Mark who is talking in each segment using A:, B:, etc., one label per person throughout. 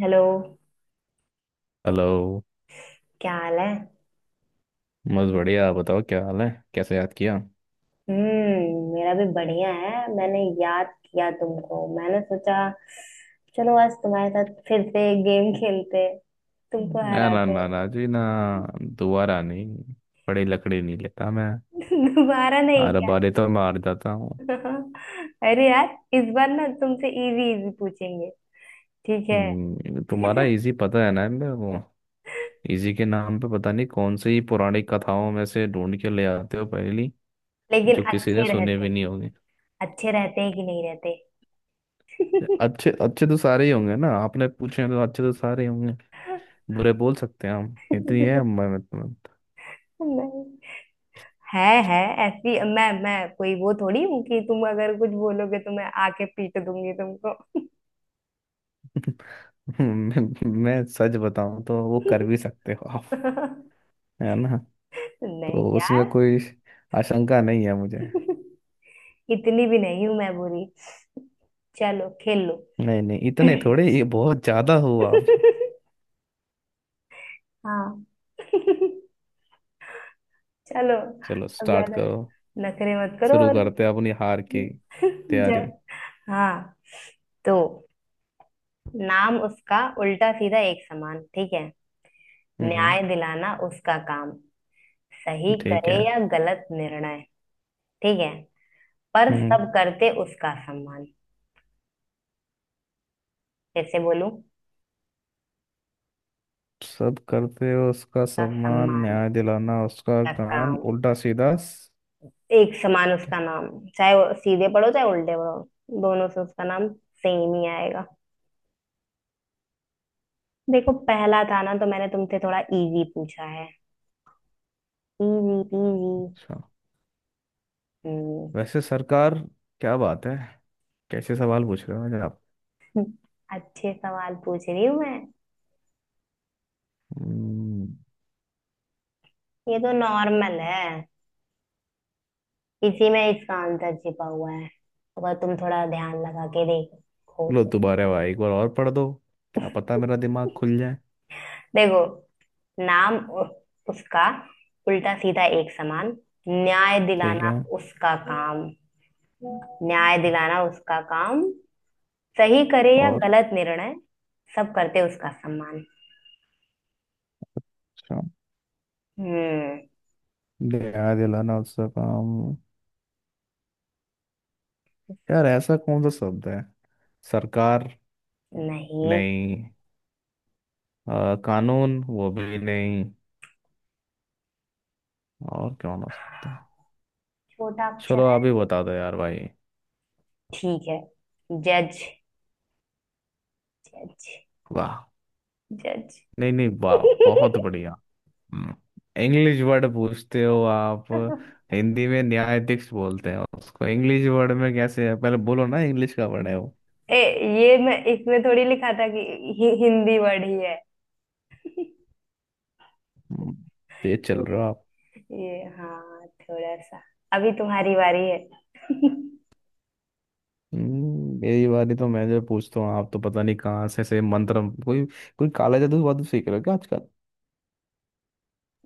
A: Hello.
B: Hello.
A: क्या हाल है।
B: बस बढ़िया। आप बताओ, क्या हाल है? कैसे याद किया?
A: हम्म। मेरा भी बढ़िया है। मैंने याद किया तुमको। मैंने सोचा चलो आज तुम्हारे साथ फिर से एक गेम खेलते। तुमको
B: मैं? ना
A: हराते।
B: ना ना जी, ना। दोबारा नहीं। बड़ी लकड़ी नहीं लेता मैं।
A: दोबारा नहीं
B: हर
A: क्या।
B: बारे तो मैं हार जाता हूँ।
A: अरे यार इस बार ना तुमसे इजी इजी पूछेंगे। ठीक है।
B: तुम्हारा इजी पता है ना, मैं वो इजी के नाम पे पता नहीं कौन सी पुरानी कथाओं में से ढूंढ के ले आते हो पहली,
A: लेकिन
B: जो किसी ने
A: अच्छे
B: सुने भी
A: रहते।
B: नहीं होंगे।
A: अच्छे रहते हैं कि नहीं रहते।
B: अच्छे अच्छे तो सारे ही होंगे ना, आपने पूछे हैं तो अच्छे तो सारे ही होंगे। बुरे बोल सकते हैं, हम इतनी है मैं।
A: नहीं। है। है। ऐसी मैं कोई वो थोड़ी हूँ कि तुम अगर कुछ बोलोगे तो मैं आके पीट दूंगी तुमको।
B: मैं सच बताऊं तो वो कर भी सकते हो आप। है ना,
A: नहीं
B: तो उसमें
A: यार।
B: कोई आशंका नहीं है मुझे।
A: इतनी भी नहीं हूं मैं बुरी। चलो खेल लो।
B: नहीं नहीं, इतने थोड़े, ये बहुत ज्यादा हो आप।
A: हाँ। चलो।
B: चलो
A: अब
B: स्टार्ट
A: ज्यादा
B: करो।
A: नखरे मत करो
B: शुरू
A: और।
B: करते हैं अपनी हार की
A: जा।
B: तैयारी।
A: हाँ। तो नाम उसका उल्टा सीधा एक समान ठीक है।
B: हम्म।
A: न्याय दिलाना उसका काम। सही
B: ठीक
A: करे
B: है।
A: या गलत निर्णय ठीक है। पर
B: हम्म।
A: सब करते उसका सम्मान। कैसे बोलूं।
B: सब करते हो उसका
A: उसका
B: सम्मान।
A: सम्मान
B: न्याय दिलाना उसका
A: का
B: कान।
A: काम।
B: उल्टा सीधा
A: एक समान
B: क्या?
A: उसका नाम। चाहे वो सीधे पढ़ो चाहे उल्टे पढ़ो दोनों से उसका नाम सेम ही आएगा। देखो पहला था ना तो मैंने तुमसे थोड़ा इजी पूछा है। Easy peasy.
B: अच्छा,
A: हम्म।
B: वैसे सरकार, क्या बात है? कैसे सवाल पूछ रहे हो मुझे आप?
A: अच्छे सवाल पूछ रही हूँ मैं।
B: हम्म,
A: ये तो नॉर्मल है। इसी में इसका आंसर छिपा हुआ है अगर तुम थोड़ा ध्यान लगा के देखो।
B: लो तुम्हारे भाई, एक बार और पढ़ दो। क्या पता मेरा दिमाग खुल जाए।
A: देखो नाम उसका उल्टा सीधा एक समान। न्याय
B: ठीक
A: दिलाना
B: है।
A: उसका काम। न्याय दिलाना उसका काम। सही करे या
B: और?
A: गलत निर्णय। सब करते उसका सम्मान।
B: अच्छा,
A: हम्म।
B: दया दिलाना उसका काम। यार, ऐसा कौन सा शब्द है? सरकार?
A: नहीं।
B: नहीं। कानून? वो भी नहीं। और कौन हो सकता है?
A: छोटा अक्षर
B: चलो,
A: है।
B: आप ही बता दो यार भाई।
A: ठीक है। जज। जज।
B: वाह!
A: जज।
B: नहीं नहीं, वाह, बहुत बढ़िया। हम्म, इंग्लिश वर्ड पूछते हो आप? हिंदी में न्यायाधीश बोलते हैं उसको। इंग्लिश वर्ड में कैसे है, पहले बोलो ना। इंग्लिश का वर्ड है वो?
A: ए ये मैं इसमें थोड़ी लिखा था कि हिंदी वर्ड ही है।
B: हम्म, तेज चल रहे
A: ये,
B: हो आप।
A: ये हाँ थोड़ा सा। अभी तुम्हारी बारी है।
B: मेरी बारी, तो मैं जो पूछता हूँ आप तो पता नहीं कहाँ से मंत्र कोई कोई काला जादू वादू सीख रहे हो क्या आजकल?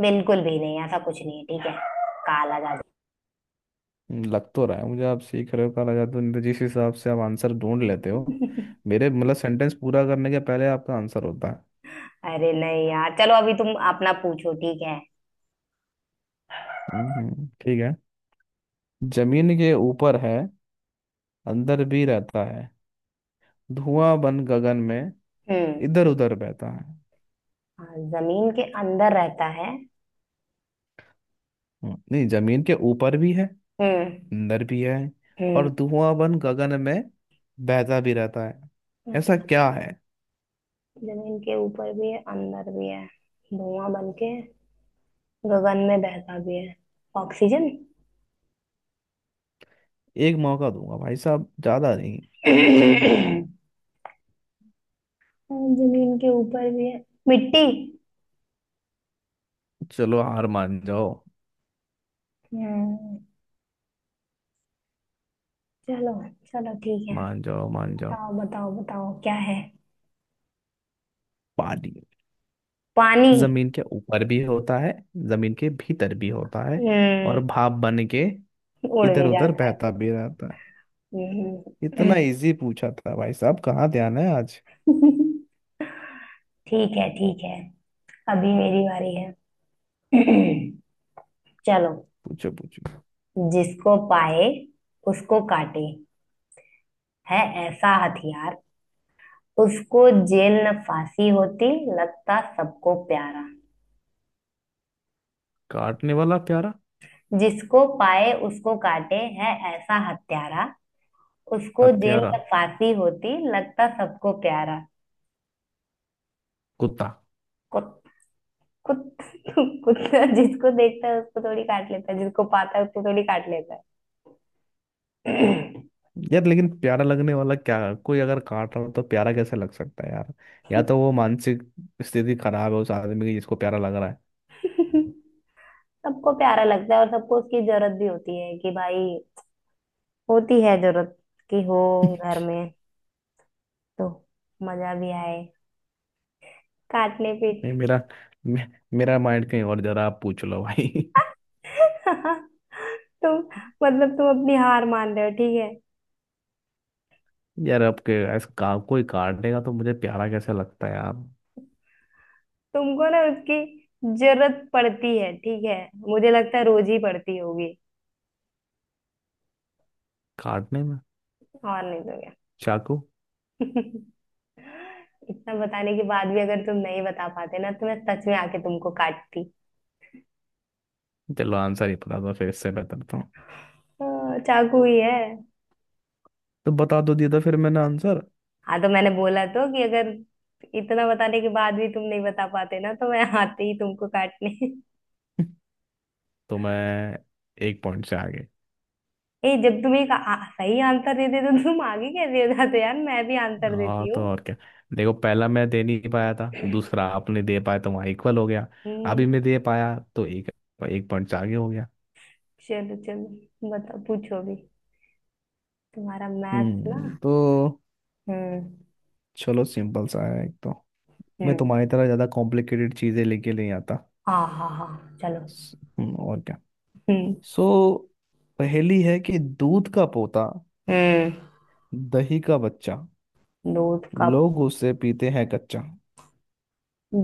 A: बिल्कुल भी नहीं ऐसा कुछ नहीं है ठीक है। काला जादू।
B: लग तो रहा है मुझे, आप सीख रहे हो काला जादू, नहीं तो जिस हिसाब से आप आंसर ढूंढ लेते हो, मेरे मतलब सेंटेंस पूरा करने के पहले आपका आंसर होता है।
A: अरे नहीं यार चलो अभी तुम अपना पूछो ठीक है।
B: ठीक है। जमीन के ऊपर है, अंदर भी रहता है। धुआं बन गगन में
A: हम्म।
B: इधर उधर बहता है।
A: हाँ जमीन के अंदर रहता है।
B: नहीं, जमीन के ऊपर भी है,
A: हम्म।
B: अंदर भी है, और
A: हम्म।
B: धुआं बन गगन में बहता भी रहता है। ऐसा
A: अच्छा।
B: क्या है?
A: जमीन के ऊपर भी है अंदर भी है। धुआं बन के गगन में बहता भी है। ऑक्सीजन।
B: एक मौका दूंगा भाई साहब, ज्यादा नहीं।
A: जमीन के ऊपर भी है। मिट्टी।
B: चलो, हार मान जाओ।
A: हम्म। चलो। चलो ठीक है।
B: मान जाओ मान जाओ।
A: बताओ बताओ बताओ क्या है।
B: पानी।
A: पानी।
B: जमीन के ऊपर भी होता है, जमीन के भीतर भी होता है, और
A: हम्म।
B: भाप बन के
A: उड़
B: इधर
A: भी
B: उधर
A: जाता है।
B: बहता भी रहता है।
A: हम्म।
B: इतना इजी पूछा था भाई साहब, कहाँ ध्यान है आज?
A: ठीक है ठीक है। अभी मेरी बारी है। चलो।
B: पूछो पूछो।
A: जिसको पाए उसको काटे। है ऐसा हथियार। उसको जेल न फांसी होती लगता सबको प्यारा।
B: काटने वाला प्यारा
A: जिसको पाए उसको काटे है ऐसा हत्यारा। उसको जेल
B: हत्यारा?
A: न फांसी होती लगता सबको प्यारा।
B: कुत्ता।
A: कुत कुत कुत्ता जिसको देखता है उसको थोड़ी काट लेता है। जिसको पाता है उसको थोड़ी काट लेता है।
B: यार, लेकिन प्यारा लगने वाला क्या? कोई अगर काट रहा हो तो प्यारा कैसे लग सकता है यार? या तो वो मानसिक स्थिति खराब है उस आदमी की, जिसको प्यारा लग रहा है।
A: सबको प्यारा लगता है और सबको उसकी जरूरत भी होती है कि भाई। होती है जरूरत कि हो घर में तो मजा भी आए काटने
B: नहीं,
A: पीट।
B: मे, मेरा माइंड कहीं और, जरा आप पूछ लो भाई।
A: तुम मतलब तुम अपनी हार मान रहे हो ठीक है।
B: यार, आपके ऐसा कोई काटनेगा तो मुझे प्यारा कैसे लगता है यार?
A: तुमको ना उसकी जरूरत पड़ती है ठीक है। मुझे लगता है रोज ही पड़ती होगी।
B: काटने में?
A: और नहीं तो क्या।
B: चाकू।
A: इतना बताने के बाद भी अगर तुम नहीं बता पाते ना तो मैं सच में आके तुमको काटती।
B: चलो, आंसर ही पता था, फिर इससे बेहतर था
A: हाँ, चाकू ही है।
B: तो बता दो दिया था फिर मैंने आंसर।
A: हाँ तो मैंने बोला तो कि अगर इतना बताने के बाद भी तुम नहीं बता पाते ना तो मैं आते ही तुमको काटने।
B: तो मैं एक पॉइंट से आगे।
A: ए जब तुम एक सही आंसर देते तो तुम आगे कैसे हो जाते यार मैं भी आंसर
B: हाँ,
A: देती
B: तो
A: हूँ।
B: और क्या। देखो, पहला मैं दे नहीं पाया था, दूसरा आपने दे पाया तो वहाँ इक्वल हो गया।
A: हम्म।
B: अभी मैं दे पाया तो एक एक पॉइंट से आगे हो गया।
A: चलो चलो बताओ पूछो अभी। तुम्हारा मैथ्स ना।
B: तो
A: हम्म।
B: चलो, सिंपल सा है एक तो। मैं
A: हम्म।
B: तुम्हारी तरह ज़्यादा कॉम्प्लिकेटेड चीज़ें लेके नहीं आता।
A: हाँ हाँ हाँ चलो।
B: और क्या।
A: हम्म।
B: सो, पहेली है कि दूध का पोता,
A: हम्म।
B: दही का बच्चा,
A: दूध का
B: लोग उसे पीते हैं कच्चा,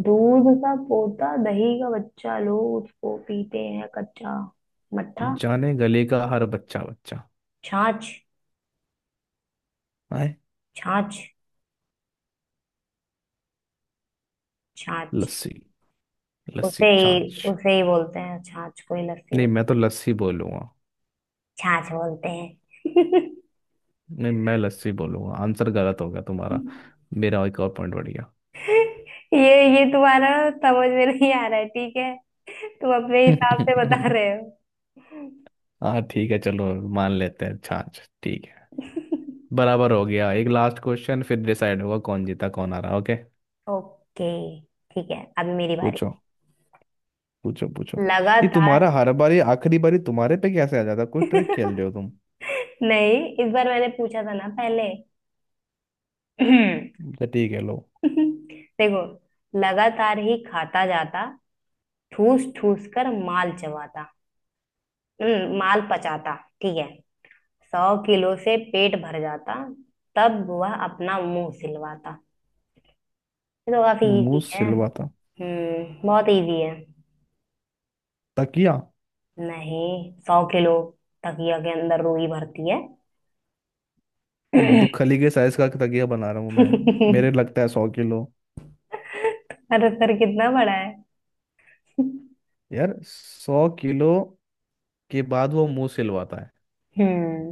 A: दूध का पोता दही का बच्चा लोग उसको पीते हैं कच्चा। मट्ठा।
B: जाने गले का हर बच्चा बच्चा
A: छाछ।
B: आए।
A: छाछ। छाछ।
B: लस्सी। लस्सी
A: उसे ही
B: छाछ।
A: उसे ही बोलते हैं छाछ को ही लस्सी
B: नहीं,
A: बोल।
B: मैं तो लस्सी बोलूंगा।
A: छाछ बोलते हैं।
B: नहीं, मैं लस्सी बोलूंगा, आंसर गलत हो गया तुम्हारा। मेरा एक और पॉइंट बढ़ गया।
A: ये तुम्हारा समझ में नहीं आ रहा है ठीक है। तुम अपने हिसाब से बता रहे।
B: हाँ ठीक है, चलो, मान लेते हैं छाछ। ठीक है। बराबर हो गया। एक लास्ट क्वेश्चन, फिर डिसाइड होगा कौन जीता कौन हारा। ओके।
A: हो ओके। ठीक है अभी मेरी बारी।
B: पूछो पूछो पूछो। ये
A: लगातार।
B: तुम्हारा, हर बार ये आखिरी बारी तुम्हारे पे कैसे आ जाता? कोई ट्रिक खेल रहे हो तुम?
A: नहीं इस बार मैंने पूछा था ना पहले।
B: तो ठीक है, लो।
A: देखो लगातार ही खाता जाता ठूस ठूस कर माल चबाता। माल पचाता ठीक है। सौ किलो से पेट भर जाता। तब वह अपना मुंह सिलवाता। ये तो काफी
B: मुंह
A: इजी है।
B: सिलवाता?
A: बहुत इजी है।
B: तकिया।
A: नहीं। सौ किलो। तकिया के अंदर रूई भरती है।
B: हाँ, तो खली के साइज का तकिया बना रहा हूँ मैं?
A: तुम्हारा
B: मेरे लगता है 100 किलो?
A: सर कितना बड़ा है।
B: यार, 100 किलो के बाद वो मुंह सिलवाता है,
A: हम्म।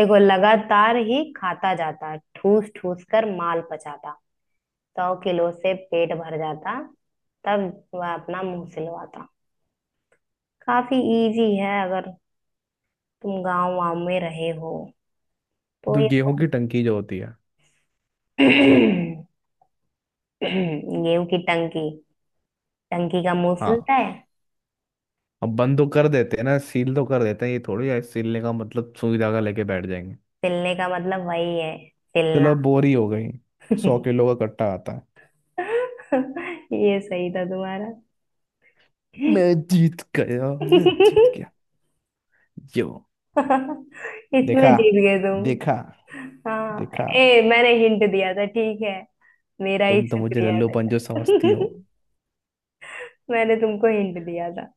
A: देखो लगातार ही खाता जाता ठूस ठूस कर माल पचाता। सौ किलो से पेट भर जाता। तब वह अपना मुंह सिलवाता। काफी इजी है अगर तुम गांव वाँव में रहे हो तो
B: तो
A: ये
B: गेहूं की
A: तो।
B: टंकी जो होती है।
A: गेहूं की टंकी। टंकी का मुंह
B: हाँ,
A: सिलता है।
B: अब बंद तो कर देते हैं ना, सील तो कर देते हैं, ये थोड़ी है सीलने का मतलब सुई धागा लेके बैठ जाएंगे।
A: सिलने का मतलब वही है।
B: चलो,
A: सिलना।
B: अब बोरी हो गई। 100 किलो का कट्टा आता है।
A: ये सही था तुम्हारा।
B: मैं जीत गया! मैं जीत गया! यो!
A: इसमें
B: देखा?
A: जीत गए
B: देखा?
A: तुम। हाँ।
B: देखा?
A: ए मैंने हिंट दिया था ठीक है। मेरा ही
B: तुम तो मुझे
A: शुक्रिया
B: लल्लूपन जो समझती हो।
A: था। मैंने तुमको हिंट दिया था।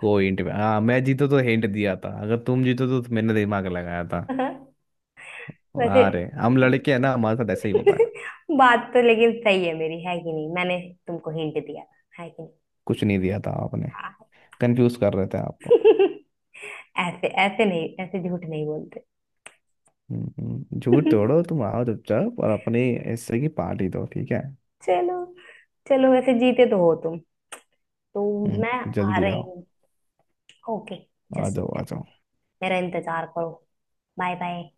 B: कोई हिंट? हाँ, मैं जीतो तो हिंट दिया था, अगर तुम जीतो तो मैंने दिमाग लगाया था।
A: वैसे।
B: वाह रे, हम लड़के हैं ना, हमारे साथ ऐसे ही होता है।
A: बात तो लेकिन सही है मेरी है कि नहीं। मैंने तुमको हिंट दिया था है कि नहीं।
B: कुछ नहीं दिया था आपने।
A: हाँ।
B: कंफ्यूज कर रहे थे आपको।
A: ऐसे ऐसे नहीं ऐसे झूठ नहीं बोलते।
B: झूठ तोड़ो, तुम आओ चुपचाप और अपने हिस्से की पार्टी दो, ठीक है।
A: चलो। चलो वैसे जीते तो हो तुम तो। मैं आ
B: जल्दी
A: रही
B: आओ।
A: हूँ। ओके।
B: आ जाओ
A: जस्ट
B: आ जाओ।
A: मेरा इंतजार करो। Bye bye.